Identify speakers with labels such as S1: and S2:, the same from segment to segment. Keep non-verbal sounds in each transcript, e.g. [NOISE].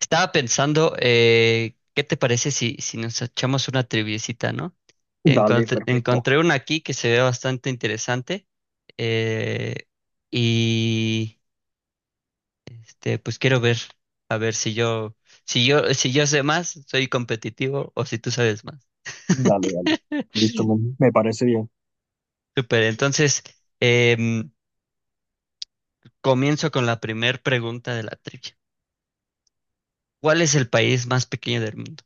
S1: Estaba pensando, ¿qué te parece si nos echamos una triviecita, no?
S2: Dale,
S1: Encontré,
S2: perfecto.
S1: encontré una aquí que se ve bastante interesante. eh, y pues quiero ver, a ver si yo sé más, soy competitivo o si tú sabes más.
S2: Dale, dale.
S1: [LAUGHS]
S2: Listo, me parece bien.
S1: Super. Entonces em, comienzo con la primer pregunta de la trivia. ¿Cuál es el país más pequeño del mundo?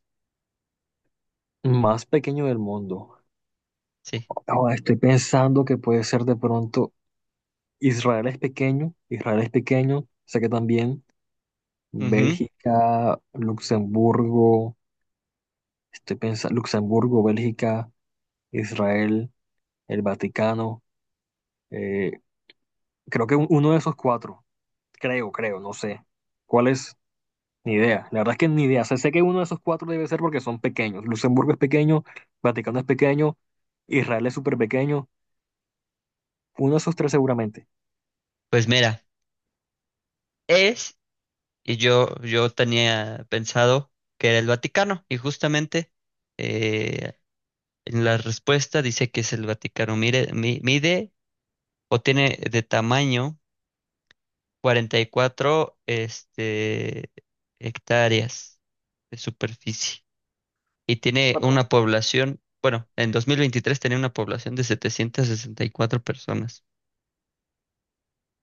S2: Más pequeño del mundo.
S1: Sí.
S2: Ahora estoy pensando que puede ser de pronto Israel es pequeño, sé que también
S1: Ujú.
S2: Bélgica, Luxemburgo, estoy pensando Luxemburgo, Bélgica, Israel, el Vaticano. eh, Creo que uno de esos cuatro, creo, creo, no sé. ¿Cuál es? Ni idea, la verdad es que ni idea. O sea, sé que uno de esos cuatro debe ser porque son pequeños. Luxemburgo es pequeño, Vaticano es pequeño, Israel es súper pequeño. Uno de esos tres seguramente.
S1: Pues mira, es. Y yo tenía pensado que era el Vaticano, y justamente, eh, en la respuesta dice que es el Vaticano. Mire, mide o tiene de tamaño 44, hectáreas de superficie, y tiene
S2: Pero
S1: una población, bueno, en 2023 tenía una población de 764 personas.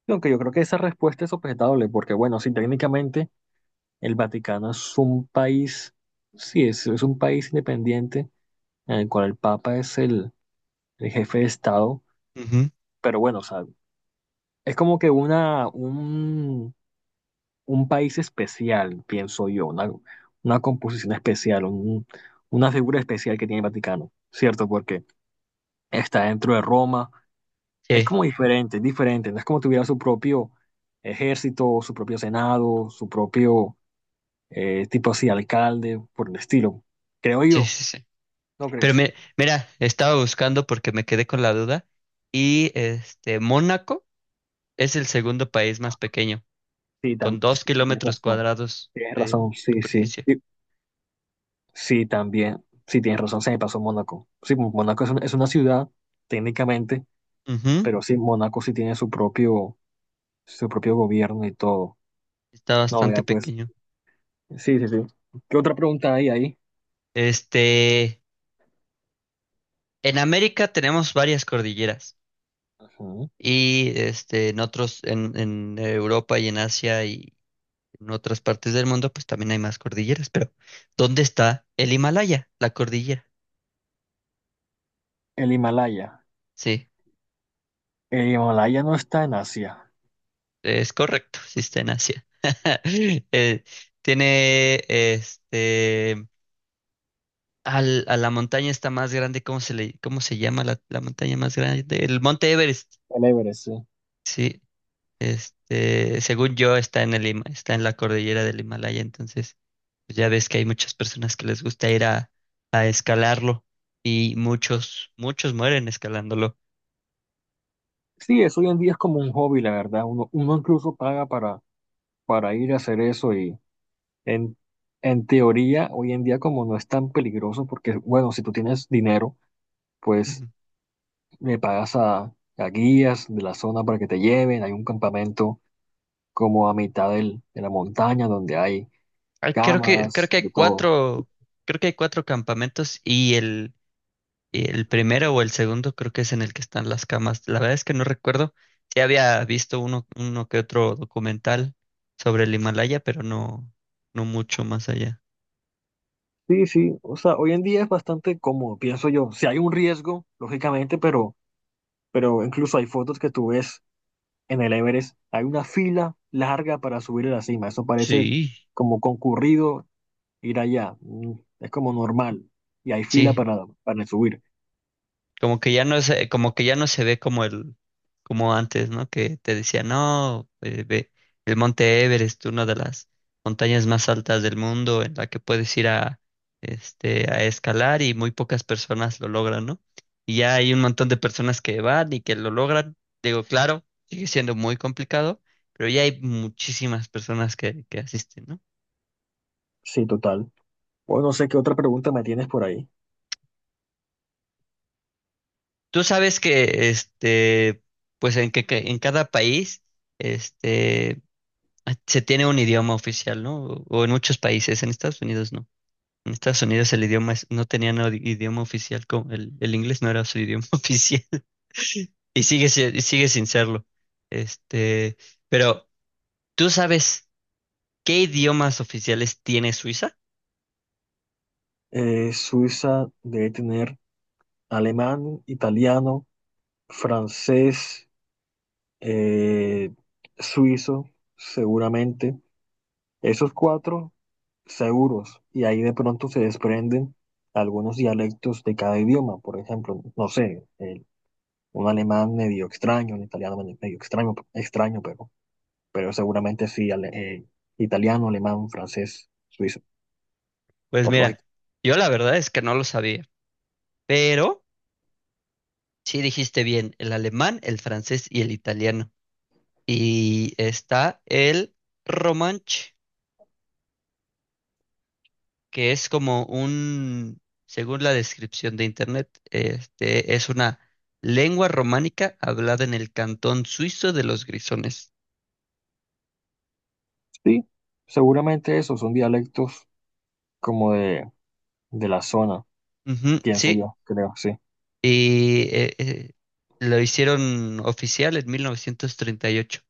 S2: aunque yo creo que esa respuesta es objetable, porque bueno, sí, técnicamente el Vaticano es un país, sí, es un país independiente en el cual el Papa es el jefe de Estado,
S1: Ujú.
S2: pero bueno, o sea, es como que una, un país especial, pienso yo, una composición especial, una figura especial que tiene el Vaticano, ¿cierto? Porque está dentro de Roma, es
S1: Sí,
S2: como diferente, es diferente, no es como tuviera su propio ejército, su propio senado, su propio tipo así, alcalde, por el estilo. Creo
S1: sí,
S2: yo,
S1: sí, sí.
S2: ¿no
S1: Pero
S2: crees?
S1: mira, estaba buscando porque me quedé con la duda y, Mónaco. Es el segundo país más pequeño,
S2: Sí,
S1: con
S2: sí,
S1: dos kilómetros cuadrados
S2: tienes
S1: de
S2: razón, sí, sí,
S1: superficie.
S2: sí, sí, también, sí, tienes razón, se me pasó Mónaco. Sí, Mónaco es una ciudad, técnicamente.
S1: Ujú.
S2: Pero sí, Mónaco sí tiene su propio gobierno y todo.
S1: Está
S2: No,
S1: bastante
S2: vea, pues.
S1: pequeño.
S2: Sí, sí, sí. ¿Qué otra pregunta hay ahí?
S1: Este, en América tenemos varias cordilleras
S2: Ujú.
S1: y, en otros, en Europa y en Asia y en otras partes del mundo, pues también hay más cordilleras. Pero, ¿dónde está el Himalaya, la cordillera?
S2: El Himalaya.
S1: Sí,
S2: El Himalaya no está en Asia.
S1: es correcto, sí está en Asia. [LAUGHS] Eh, Tiene a la montaña está más grande. ¿Cómo se llama la montaña más grande? El Monte Everest.
S2: El Everest, sí.
S1: Sí, según yo está en la cordillera del Himalaya. Entonces, pues ya ves que hay muchas personas que les gusta ir a escalarlo, y muchos mueren escalándolo.
S2: Sí, eso hoy en día es como un hobby, la verdad. Uno, uno incluso paga para ir a hacer eso y en, en teoría, hoy en día como no es tan peligroso, porque bueno, si tú tienes dinero, pues
S1: Ujú.
S2: le pagas a guías de la zona para que te lleven, hay un campamento como a mitad de la montaña donde hay
S1: Ay,
S2: camas, de todo.
S1: creo que hay cuatro campamentos, y el y el primero o el segundo creo que es en el que están las camas. La verdad es que no recuerdo. Sí había visto uno que otro documental sobre el Himalaya, pero no, no mucho más allá.
S2: Sí, sí, o sea, hoy en día es bastante cómodo, pienso yo. Si hay un riesgo, lógicamente, pero incluso hay fotos que tú ves en el Everest, hay una fila larga para subir a la cima. Eso parece
S1: Sí.
S2: como concurrido ir allá. Es como normal y hay fila
S1: Sí,
S2: para subir.
S1: Como que ya no se ve como el, como antes, ¿no? Que te decía, no, ve el Monte Everest, una de las montañas más altas del mundo, en la que puedes ir a escalar y muy pocas personas lo logran, ¿no? Y ya hay un montón de personas que van y que lo logran. Digo, claro, sigue siendo muy complicado, pero ya hay muchísimas personas que asisten, ¿no?
S2: Sí, total. Bueno, no sé qué otra pregunta me tienes por ahí.
S1: Tú sabes que, pues en que en cada país, este ah, se tiene un idioma oficial, ¿no? O en muchos países, en Estados Unidos no. En Estados Unidos el idioma es- no tenía no- idioma oficial, como el inglés no era su idioma [LAUGHS] oficial, y sigue, si- y sigue sin serlo. Este, pero, ¿tú sabes qué idiomas oficiales tiene Suiza?
S2: Suiza debe tener alemán, italiano, francés. eh, Suizo, seguramente. Esos cuatro seguros, y ahí de pronto se desprenden algunos dialectos de cada idioma. Por ejemplo, no sé, un alemán medio extraño, un italiano medio extraño, extraño, pero seguramente sí, italiano, alemán, francés, suizo,
S1: Pues
S2: por
S1: mira,
S2: lógica.
S1: yo la verdad es que no lo sabía, pero sí dijiste bien, el alemán, el francés y el italiano. Y está el romanche, que es como un, según la descripción de internet, es una lengua románica hablada en el cantón suizo de los Grisones.
S2: Sí, seguramente esos son dialectos como de la zona,
S1: Ujú,
S2: pienso
S1: sí.
S2: yo, creo, sí.
S1: Y lo hicieron oficial en 1938.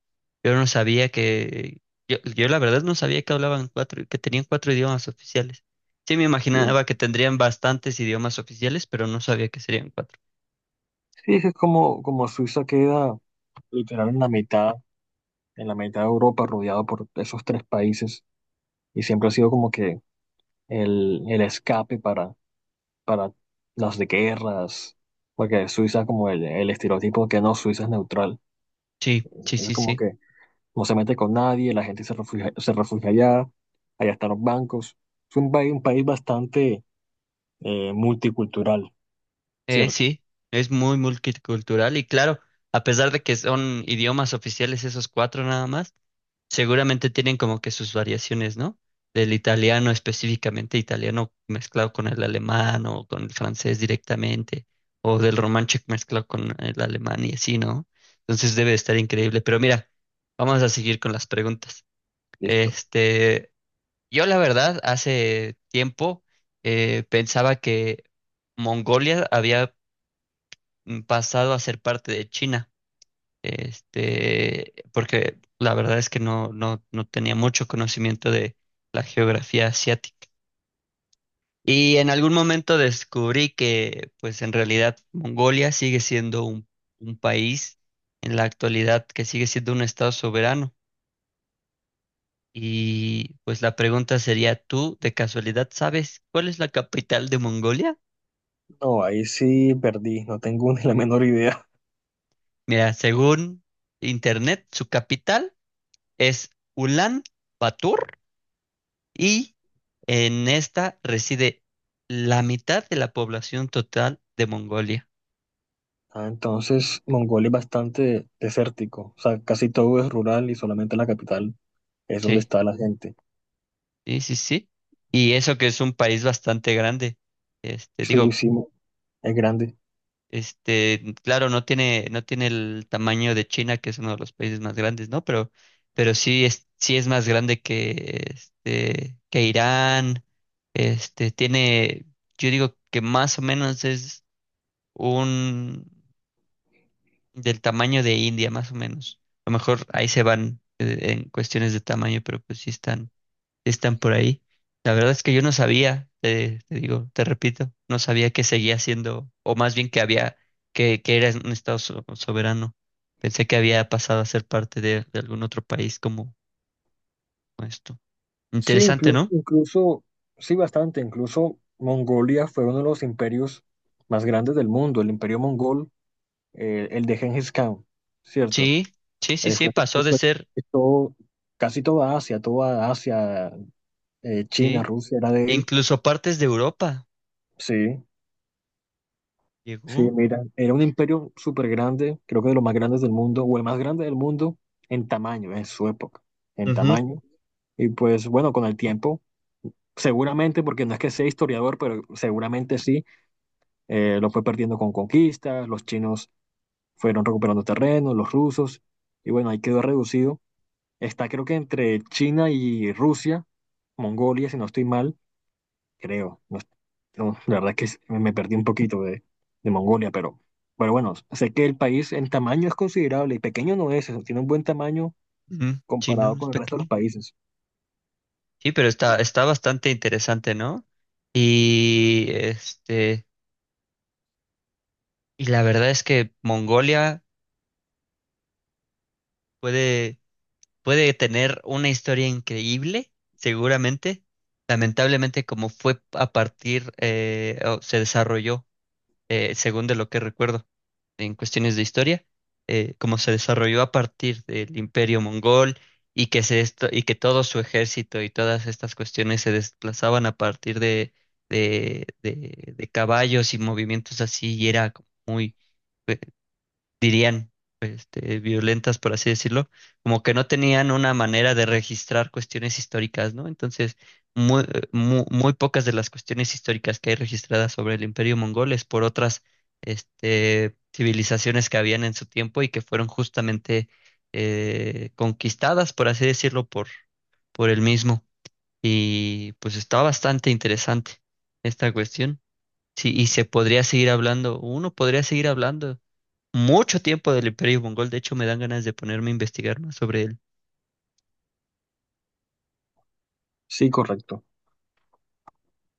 S1: Yo no sabía que, yo la verdad no sabía que hablaban cuatro, que tenían cuatro idiomas oficiales. Sí, me
S2: Sí,
S1: imaginaba que tendrían bastantes idiomas oficiales, pero no sabía que serían cuatro.
S2: sí, es como, como Suiza queda literal en la mitad de Europa, rodeado por esos tres países, y siempre ha sido como que el escape para las de guerras, porque Suiza es como el estereotipo que no, Suiza es neutral,
S1: Sí, sí,
S2: es
S1: sí,
S2: como
S1: sí.
S2: que no se mete con nadie, la gente se refugia allá, allá están los bancos, es un país bastante multicultural, ¿cierto?
S1: Sí, es muy multicultural, y claro, a pesar de que son idiomas oficiales esos cuatro nada más, seguramente tienen como que sus variaciones, ¿no? Del italiano específicamente, italiano mezclado con el alemán o con el francés directamente, o del romanche mezclado con el alemán y así, ¿no? Entonces debe de estar increíble. Pero mira, vamos a seguir con las preguntas.
S2: Listo.
S1: Este, yo, la verdad, hace tiempo, pensaba que Mongolia había, pasado a ser parte de China, porque la verdad es que no, no tenía mucho conocimiento de la geografía asiática. Y en algún momento descubrí que, pues en realidad, Mongolia sigue siendo un país en la actualidad, que sigue siendo un estado soberano. Y pues la pregunta sería, ¿tú de casualidad sabes cuál es la capital de Mongolia?
S2: No, ahí sí perdí, no tengo [LAUGHS] ni la menor idea.
S1: Mira, según internet, su capital es Ulan Bator, y en esta reside la mitad de la población total de Mongolia.
S2: Ah, entonces Mongolia es bastante desértico, o sea, casi todo es rural y solamente la capital es donde
S1: Sí,
S2: está la gente.
S1: sí, sí, sí. Y eso que es un país bastante grande. Este,
S2: Sí,
S1: digo,
S2: sí, es grande.
S1: claro, no tiene el tamaño de China, que es uno de los países más grandes, ¿no? Pero sí es más grande que, que Irán. Tiene, yo digo que más o menos es un del tamaño de India, más o menos. A lo mejor ahí se van, en cuestiones de tamaño, pero pues sí están por ahí. La verdad es que yo no sabía, te digo, te repito, no sabía que seguía siendo, o más bien que había, que era un estado soberano. Pensé que había pasado a ser parte de algún otro país, como esto.
S2: Sí,
S1: Interesante,
S2: incluso,
S1: ¿no?
S2: incluso, sí, bastante, incluso Mongolia fue uno de los imperios más grandes del mundo, el imperio mongol, el de Genghis Khan, ¿cierto?
S1: Sí, sí, sí,
S2: Él
S1: sí,
S2: fue, él
S1: pasó de
S2: fue-
S1: ser,
S2: Todo, casi toda Asia, China,
S1: sí,
S2: Rusia era de él,
S1: incluso partes de Europa
S2: sí. Sí,
S1: llegó.
S2: mira, era un imperio súper grande, creo que de los más grandes del mundo, o el más grande del mundo en tamaño, en su época, en
S1: Ujú.
S2: tamaño. Y pues bueno, con el tiempo, seguramente, porque no es que sea historiador, pero seguramente sí, lo fue perdiendo con conquistas, los chinos fueron recuperando terreno, los rusos, y bueno, ahí quedó reducido. Está creo que entre China y Rusia, Mongolia, si no estoy mal, creo. No, no, la verdad es que me perdí un poquito de Mongolia, pero bueno, sé que el país en tamaño es considerable y pequeño no es, o sea, tiene un buen tamaño
S1: Ujú. Sí, no,
S2: comparado
S1: no es
S2: con el resto de los
S1: pequeño.
S2: países.
S1: Sí, pero está bastante interesante, ¿no? Y y la verdad es que Mongolia puede, puede tener una historia increíble, seguramente. Lamentablemente, como fue a partir, o se desarrolló, según de lo que recuerdo en cuestiones de historia, cómo se desarrolló a partir del Imperio Mongol, y que, y que todo su ejército y todas estas cuestiones se desplazaban a partir de caballos y movimientos así, y era como dirían, violentas, por así decirlo, como que no tenían una manera de registrar cuestiones históricas, ¿no? Entonces, muy, muy pocas de las cuestiones históricas que hay registradas sobre el Imperio Mongol es por otras, civilizaciones que habían en su tiempo y que fueron justamente, conquistadas, por así decirlo, por él mismo. Y pues está bastante interesante esta cuestión. Sí, y se podría seguir hablando, uno podría seguir hablando mucho tiempo del Imperio Mongol. De hecho, me dan ganas de ponerme a investigar más sobre él.
S2: Sí, correcto.